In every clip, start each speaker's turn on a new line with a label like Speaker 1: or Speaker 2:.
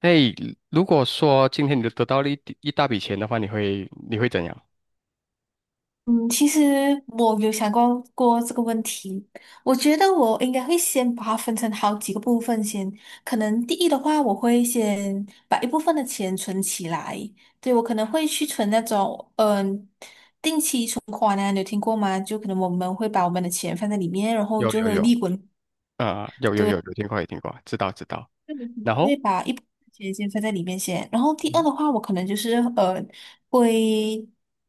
Speaker 1: 哎，如果说今天你得到了一大笔钱的话，你会怎样？
Speaker 2: 嗯，其实我有想过这个问题，我觉得我应该会先把它分成好几个部分先。可能第一的话，我会先把一部分的钱存起来，对，我可能会去存那种存款啊，你有听过吗？就可能我们会把我们的钱放在里面，然后
Speaker 1: 有
Speaker 2: 就会
Speaker 1: 有
Speaker 2: 有利
Speaker 1: 有，
Speaker 2: 滚。
Speaker 1: 有有有
Speaker 2: 对。
Speaker 1: 有听过有听过，知道知道。然后，
Speaker 2: 会把一部分钱先放在里面先。然后第二
Speaker 1: 嗯
Speaker 2: 的话，我可能就是会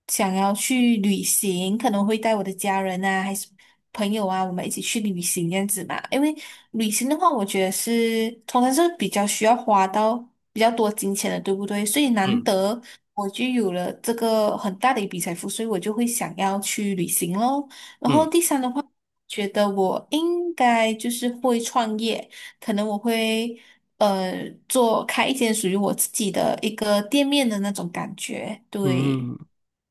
Speaker 2: 想要去旅行，可能会带我的家人啊，还是朋友啊，我们一起去旅行这样子嘛。因为旅行的话，我觉得是通常是比较需要花到比较多金钱的，对不对？所以难
Speaker 1: 嗯
Speaker 2: 得我就有了这个很大的一笔财富，所以我就会想要去旅行咯。然后
Speaker 1: 嗯，
Speaker 2: 第三的话。觉得我应该就是会创业，可能我会做开一间属于我自己的一个店面的那种感觉。对，
Speaker 1: 嗯，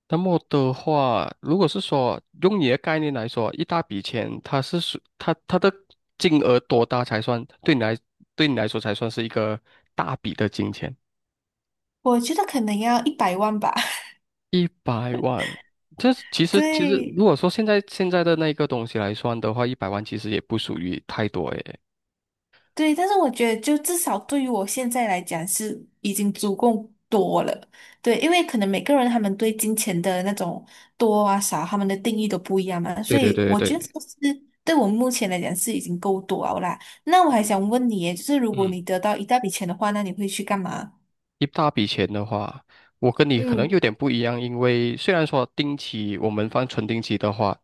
Speaker 1: 那么的话，如果是说用你的概念来说，一大笔钱，它是它的金额多大才算对你来说才算是一个大笔的金钱？
Speaker 2: 我觉得可能要100万吧。
Speaker 1: 一百万，这是其实
Speaker 2: 对
Speaker 1: 如果说现在的那个东西来算的话，一百万其实也不属于太多诶。
Speaker 2: 对，但是我觉得就至少对于我现在来讲是已经足够多了。对，因为可能每个人他们对金钱的那种多啊少，他们的定义都不一样嘛，
Speaker 1: 对
Speaker 2: 所
Speaker 1: 对
Speaker 2: 以
Speaker 1: 对
Speaker 2: 我
Speaker 1: 对
Speaker 2: 觉得
Speaker 1: 对，
Speaker 2: 这个是对我目前来讲是已经够多了啦。那我还想问你耶，就是如果
Speaker 1: 嗯，
Speaker 2: 你得到一大笔钱的话，那你会去干嘛？
Speaker 1: 一大笔钱的话，我跟你可能
Speaker 2: 嗯
Speaker 1: 有点不一样，因为虽然说定期我们存定期的话，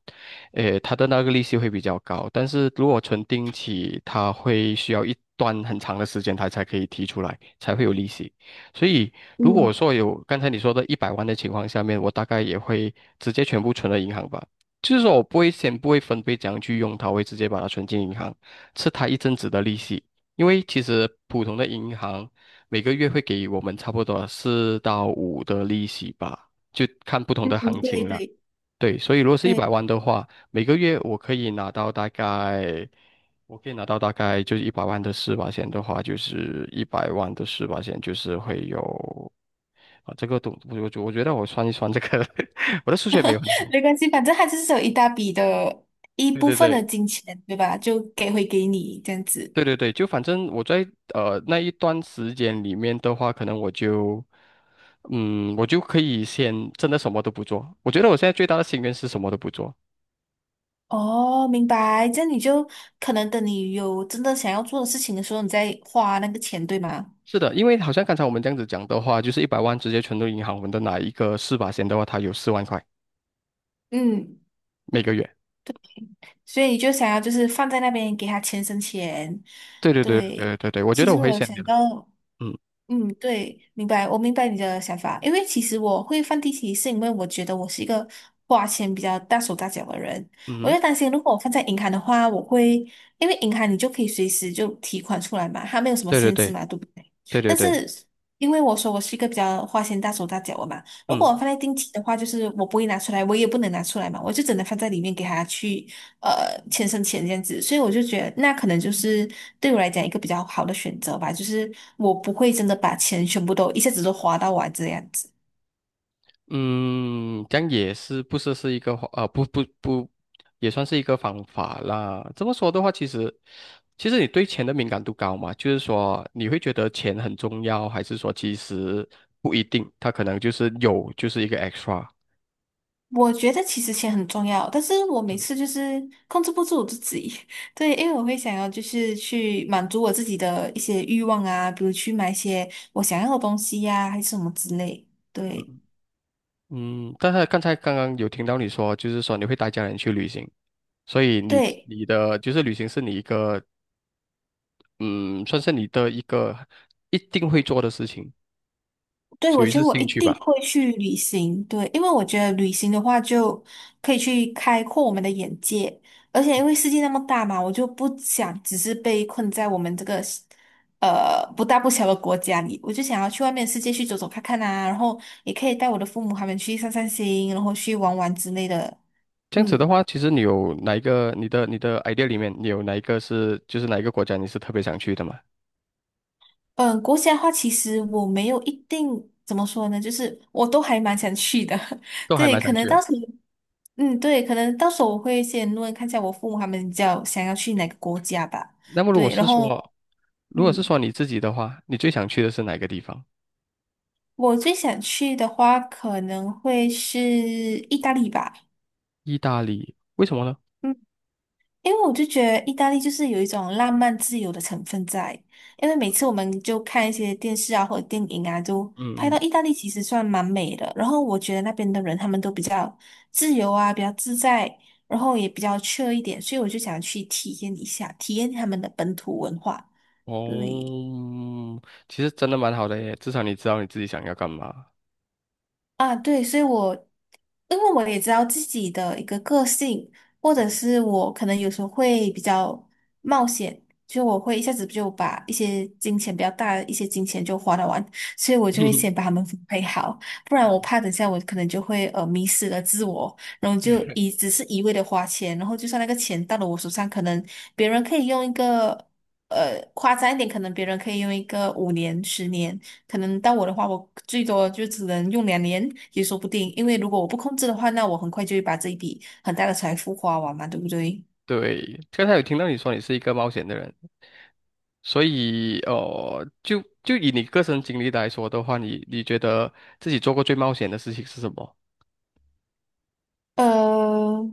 Speaker 1: 诶，它的那个利息会比较高，但是如果存定期，它会需要一段很长的时间，它才可以提出来，才会有利息。所以如果
Speaker 2: 嗯
Speaker 1: 说有刚才你说的一百万的情况下面，我大概也会直接全部存到银行吧。就是说我不会分配怎样去用它，我会直接把它存进银行，吃它一阵子的利息。因为其实普通的银行。每个月会给我们差不多四到五的利息吧，就看不同
Speaker 2: 嗯
Speaker 1: 的
Speaker 2: 嗯，
Speaker 1: 行
Speaker 2: 对
Speaker 1: 情了。
Speaker 2: 对
Speaker 1: 对，所以如果是一
Speaker 2: 对，
Speaker 1: 百万的话，每个月我可以拿到大概，我可以拿到大概就是一百万的四八线的话，就是一百万的四八线就是会有啊，这个东我觉得我算一算这个，我的数学没有很好。
Speaker 2: 没关系，反正他就是有一大笔的一
Speaker 1: 对
Speaker 2: 部
Speaker 1: 对
Speaker 2: 分的
Speaker 1: 对。
Speaker 2: 金钱，对吧？就给回给你这样子。
Speaker 1: 对对对，就反正我在那一段时间里面的话，可能我就，我就可以先真的什么都不做。我觉得我现在最大的心愿是什么都不做。
Speaker 2: 哦，明白。这样你就可能等你有真的想要做的事情的时候，你再花那个钱，对吗？
Speaker 1: 是的，因为好像刚才我们这样子讲的话，就是一百万直接存入银行，我们的哪一个四把钱的话，它有4万块
Speaker 2: 嗯，
Speaker 1: 每个月。
Speaker 2: 对。所以你就想要就是放在那边给他钱生钱。
Speaker 1: 对对对
Speaker 2: 对，
Speaker 1: 对对对，我觉
Speaker 2: 其
Speaker 1: 得我
Speaker 2: 实
Speaker 1: 会
Speaker 2: 我有
Speaker 1: 先给
Speaker 2: 想
Speaker 1: 的。
Speaker 2: 到。
Speaker 1: 嗯，
Speaker 2: 嗯，对，明白，我明白你的想法。因为其实我会放地起，是因为我觉得我是一个花钱比较大手大脚的人。
Speaker 1: 嗯
Speaker 2: 我
Speaker 1: 哼，
Speaker 2: 就担心，如果我放在银行的话，我会因为银行你就可以随时就提款出来嘛，它没有什么
Speaker 1: 对对
Speaker 2: 限制
Speaker 1: 对
Speaker 2: 嘛，对不对？
Speaker 1: 对对
Speaker 2: 但
Speaker 1: 对，
Speaker 2: 是因为我说我是一个比较花钱大手大脚的嘛，如果我
Speaker 1: 嗯。
Speaker 2: 放在定期的话，就是我不会拿出来，我也不能拿出来嘛，我就只能放在里面给他去钱生钱这样子，所以我就觉得那可能就是对我来讲一个比较好的选择吧，就是我不会真的把钱全部都一下子都花到完这样子。
Speaker 1: 嗯，这样也是一个不不不，也算是一个方法啦。这么说的话，其实你对钱的敏感度高嘛，就是说你会觉得钱很重要，还是说其实不一定，他可能就是有就是一个 extra。
Speaker 2: 我觉得其实钱很重要，但是我每次就是控制不住我自己，对，因为我会想要就是去满足我自己的一些欲望啊，比如去买一些我想要的东西呀、还是什么之类，对
Speaker 1: 嗯，但是刚刚有听到你说，就是说你会带家人去旅行，所以你
Speaker 2: 对。
Speaker 1: 你的就是旅行是你一个嗯，算是你的一个一定会做的事情，
Speaker 2: 对，
Speaker 1: 属
Speaker 2: 我
Speaker 1: 于
Speaker 2: 觉
Speaker 1: 是
Speaker 2: 得我一
Speaker 1: 兴趣
Speaker 2: 定
Speaker 1: 吧。
Speaker 2: 会去旅行，对，因为我觉得旅行的话就可以去开阔我们的眼界，而且因为世界那么大嘛，我就不想只是被困在我们这个不大不小的国家里，我就想要去外面的世界去走走看看啊，然后也可以带我的父母他们去散散心，然后去玩玩之类的。
Speaker 1: 这样子的
Speaker 2: 嗯
Speaker 1: 话，其实你有哪一个你的 idea 里面，你有哪一个是就是哪一个国家你是特别想去的吗？
Speaker 2: 嗯，国家的话，其实我没有一定怎么说呢，就是我都还蛮想去的，
Speaker 1: 都还
Speaker 2: 对，
Speaker 1: 蛮
Speaker 2: 可
Speaker 1: 想
Speaker 2: 能
Speaker 1: 去的。
Speaker 2: 到时候。嗯，对，可能到时候我会先问看一下我父母他们比较想要去哪个国家吧。
Speaker 1: 那么
Speaker 2: 对，然后
Speaker 1: 如果是
Speaker 2: 嗯，
Speaker 1: 说你自己的话，你最想去的是哪个地方？
Speaker 2: 我最想去的话可能会是意大利吧。
Speaker 1: 意大利，为什么呢？
Speaker 2: 嗯。因为我就觉得意大利就是有一种浪漫自由的成分在，因为每次我们就看一些电视啊或者电影啊，就拍
Speaker 1: 嗯
Speaker 2: 到
Speaker 1: 嗯，
Speaker 2: 意大利其实算蛮美的。然后我觉得那边的人他们都比较自由啊，比较自在，然后也比较 c 一点，所以我就想去体验一下，体验他们的本土文化。对。
Speaker 1: 哦，其实真的蛮好的耶，至少你知道你自己想要干嘛。
Speaker 2: 啊，对，所以我，因为我也知道自己的一个个性，或者
Speaker 1: 嗯
Speaker 2: 是我可能有时候会比较冒险，就我会一下子就把一些金钱比较大的一些金钱就花得完，所以我就会先 把它们分配好，不然我怕等下我可能就会迷失了自我，然后就一只是一味的花钱，然后就算那个钱到了我手上，可能别人可以用一个夸张一点，可能别人可以用一个5年、10年。可能到我的话，我最多就只能用2年也说不定，因为如果我不控制的话，那我很快就会把这一笔很大的财富花完嘛，对不对？
Speaker 1: 对，刚才有听到你说你是一个冒险的人，所以就以你个人经历来说的话，你觉得自己做过最冒险的事情是什么？
Speaker 2: 呃，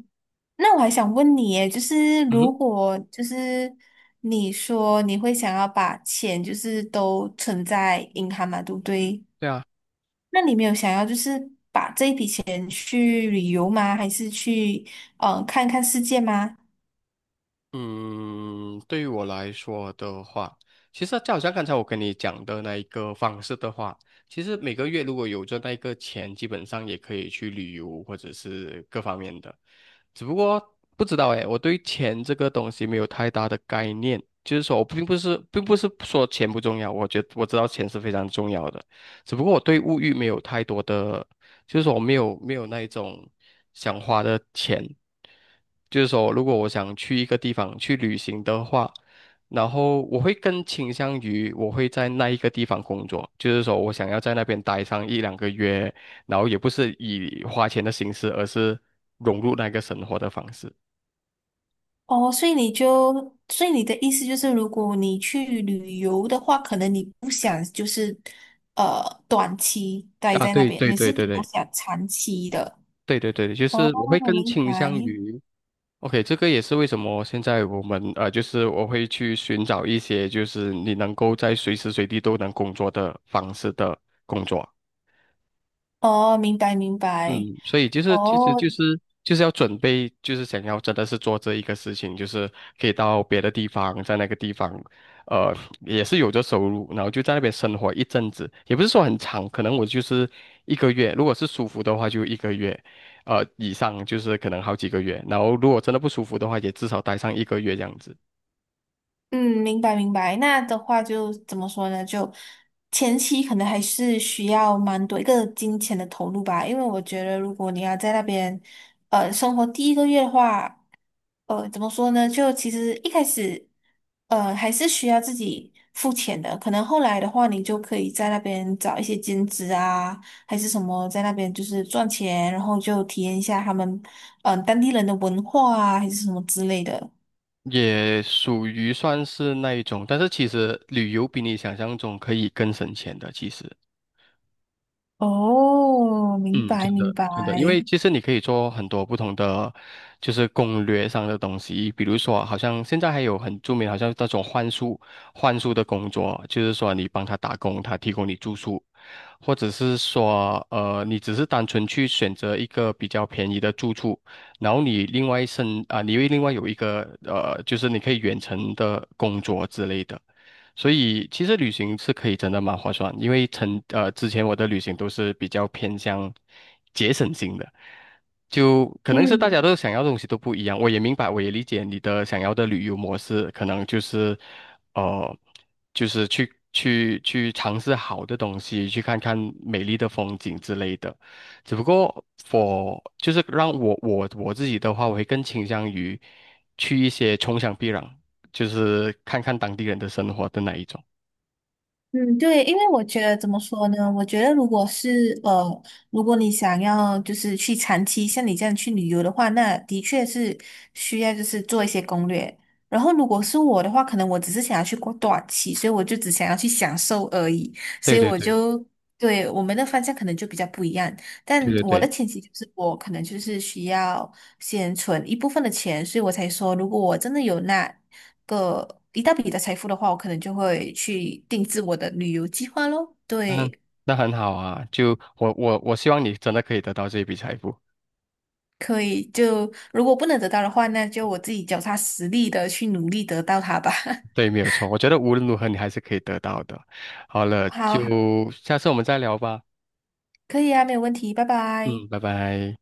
Speaker 2: 那我还想问你耶，就是如果就是你说你会想要把钱就是都存在银行嘛，对不对？
Speaker 1: 对啊，
Speaker 2: 那你没有想要就是把这一笔钱去旅游吗？还是去看看世界吗？
Speaker 1: 嗯，对于我来说的话，其实就好像刚才我跟你讲的那一个方式的话，其实每个月如果有赚那一个钱，基本上也可以去旅游或者是各方面的。只不过不知道诶，我对钱这个东西没有太大的概念，就是说我并不是说钱不重要，我知道钱是非常重要的，只不过我对物欲没有太多的就是说我没有那一种想花的钱，就是说如果我想去一个地方去旅行的话，然后我会更倾向于我会在那一个地方工作，就是说我想要在那边待上一两个月，然后也不是以花钱的形式，而是融入那个生活的方式。
Speaker 2: 哦，所以你就，所以你的意思就是，如果你去旅游的话，可能你不想就是，呃，短期待
Speaker 1: 啊，
Speaker 2: 在那
Speaker 1: 对
Speaker 2: 边，
Speaker 1: 对
Speaker 2: 你
Speaker 1: 对
Speaker 2: 是
Speaker 1: 对
Speaker 2: 比较
Speaker 1: 对
Speaker 2: 想长期的。
Speaker 1: 对对对，就
Speaker 2: 哦，
Speaker 1: 是我会更
Speaker 2: 明
Speaker 1: 倾
Speaker 2: 白。
Speaker 1: 向于。OK，这个也是为什么现在我们就是我会去寻找一些就是你能够在随时随地都能工作的方式的工作。
Speaker 2: 哦，明白明
Speaker 1: 嗯，
Speaker 2: 白。
Speaker 1: 所以就是其实
Speaker 2: 哦，
Speaker 1: 就是要准备，就是想要真的是做这一个事情，就是可以到别的地方，在那个地方，呃，也是有着收入，然后就在那边生活一阵子，也不是说很长，可能我就是一个月，如果是舒服的话就一个月，以上就是可能好几个月，然后如果真的不舒服的话，也至少待上一个月这样子。
Speaker 2: 嗯，明白明白。那的话就怎么说呢？就前期可能还是需要蛮多一个金钱的投入吧，因为我觉得如果你要在那边，生活第1个月的话。怎么说呢？就其实一开始，还是需要自己付钱的。可能后来的话，你就可以在那边找一些兼职啊，还是什么，在那边就是赚钱，然后就体验一下他们，嗯、当地人的文化啊，还是什么之类的。
Speaker 1: 也属于算是那一种，但是其实旅游比你想象中可以更省钱的，其实。
Speaker 2: 哦，明
Speaker 1: 嗯，
Speaker 2: 白
Speaker 1: 真
Speaker 2: 明
Speaker 1: 的，
Speaker 2: 白。
Speaker 1: 真的，因为其实你可以做很多不同的，就是攻略上的东西，比如说，好像现在还有很著名，好像那种幻术的工作，就是说你帮他打工，他提供你住宿，或者是说，你只是单纯去选择一个比较便宜的住处，然后你另外一剩啊、你会另外有一个就是你可以远程的工作之类的。所以其实旅行是可以真的蛮划算，因为之前我的旅行都是比较偏向节省型的，就可能是大家
Speaker 2: 嗯。
Speaker 1: 都想要的东西都不一样，我也明白，我也理解你的想要的旅游模式，可能就是。呃，就是去尝试好的东西，去看看美丽的风景之类的。只不过我就是让我我我自己的话，我会更倾向于去一些穷乡僻壤，就是看看当地人的生活的那一种。
Speaker 2: 嗯，对，因为我觉得怎么说呢？我觉得如果是如果你想要就是去长期像你这样去旅游的话，那的确是需要就是做一些攻略。然后如果是我的话，可能我只是想要去过短期，所以我就只想要去享受而已。所
Speaker 1: 对
Speaker 2: 以
Speaker 1: 对
Speaker 2: 我
Speaker 1: 对
Speaker 2: 就，对，我们的方向可能就比较不一样。
Speaker 1: 对
Speaker 2: 但
Speaker 1: 对
Speaker 2: 我的
Speaker 1: 对，
Speaker 2: 前提就是我可能就是需要先存一部分的钱，所以我才说，如果我真的有那个一大笔的财富的话，我可能就会去定制我的旅游计划咯。
Speaker 1: 那
Speaker 2: 对，
Speaker 1: 那很好啊！就我希望你真的可以得到这一笔财富。
Speaker 2: 可以，就如果不能得到的话，那就我自己脚踏实地的去努力得到它吧。
Speaker 1: 对，没有错，我觉得无论如何你还是可以得到的。好了，
Speaker 2: 好好，
Speaker 1: 就下次我们再聊吧。
Speaker 2: 可以啊，没有问题，拜
Speaker 1: 嗯，
Speaker 2: 拜。
Speaker 1: 拜拜。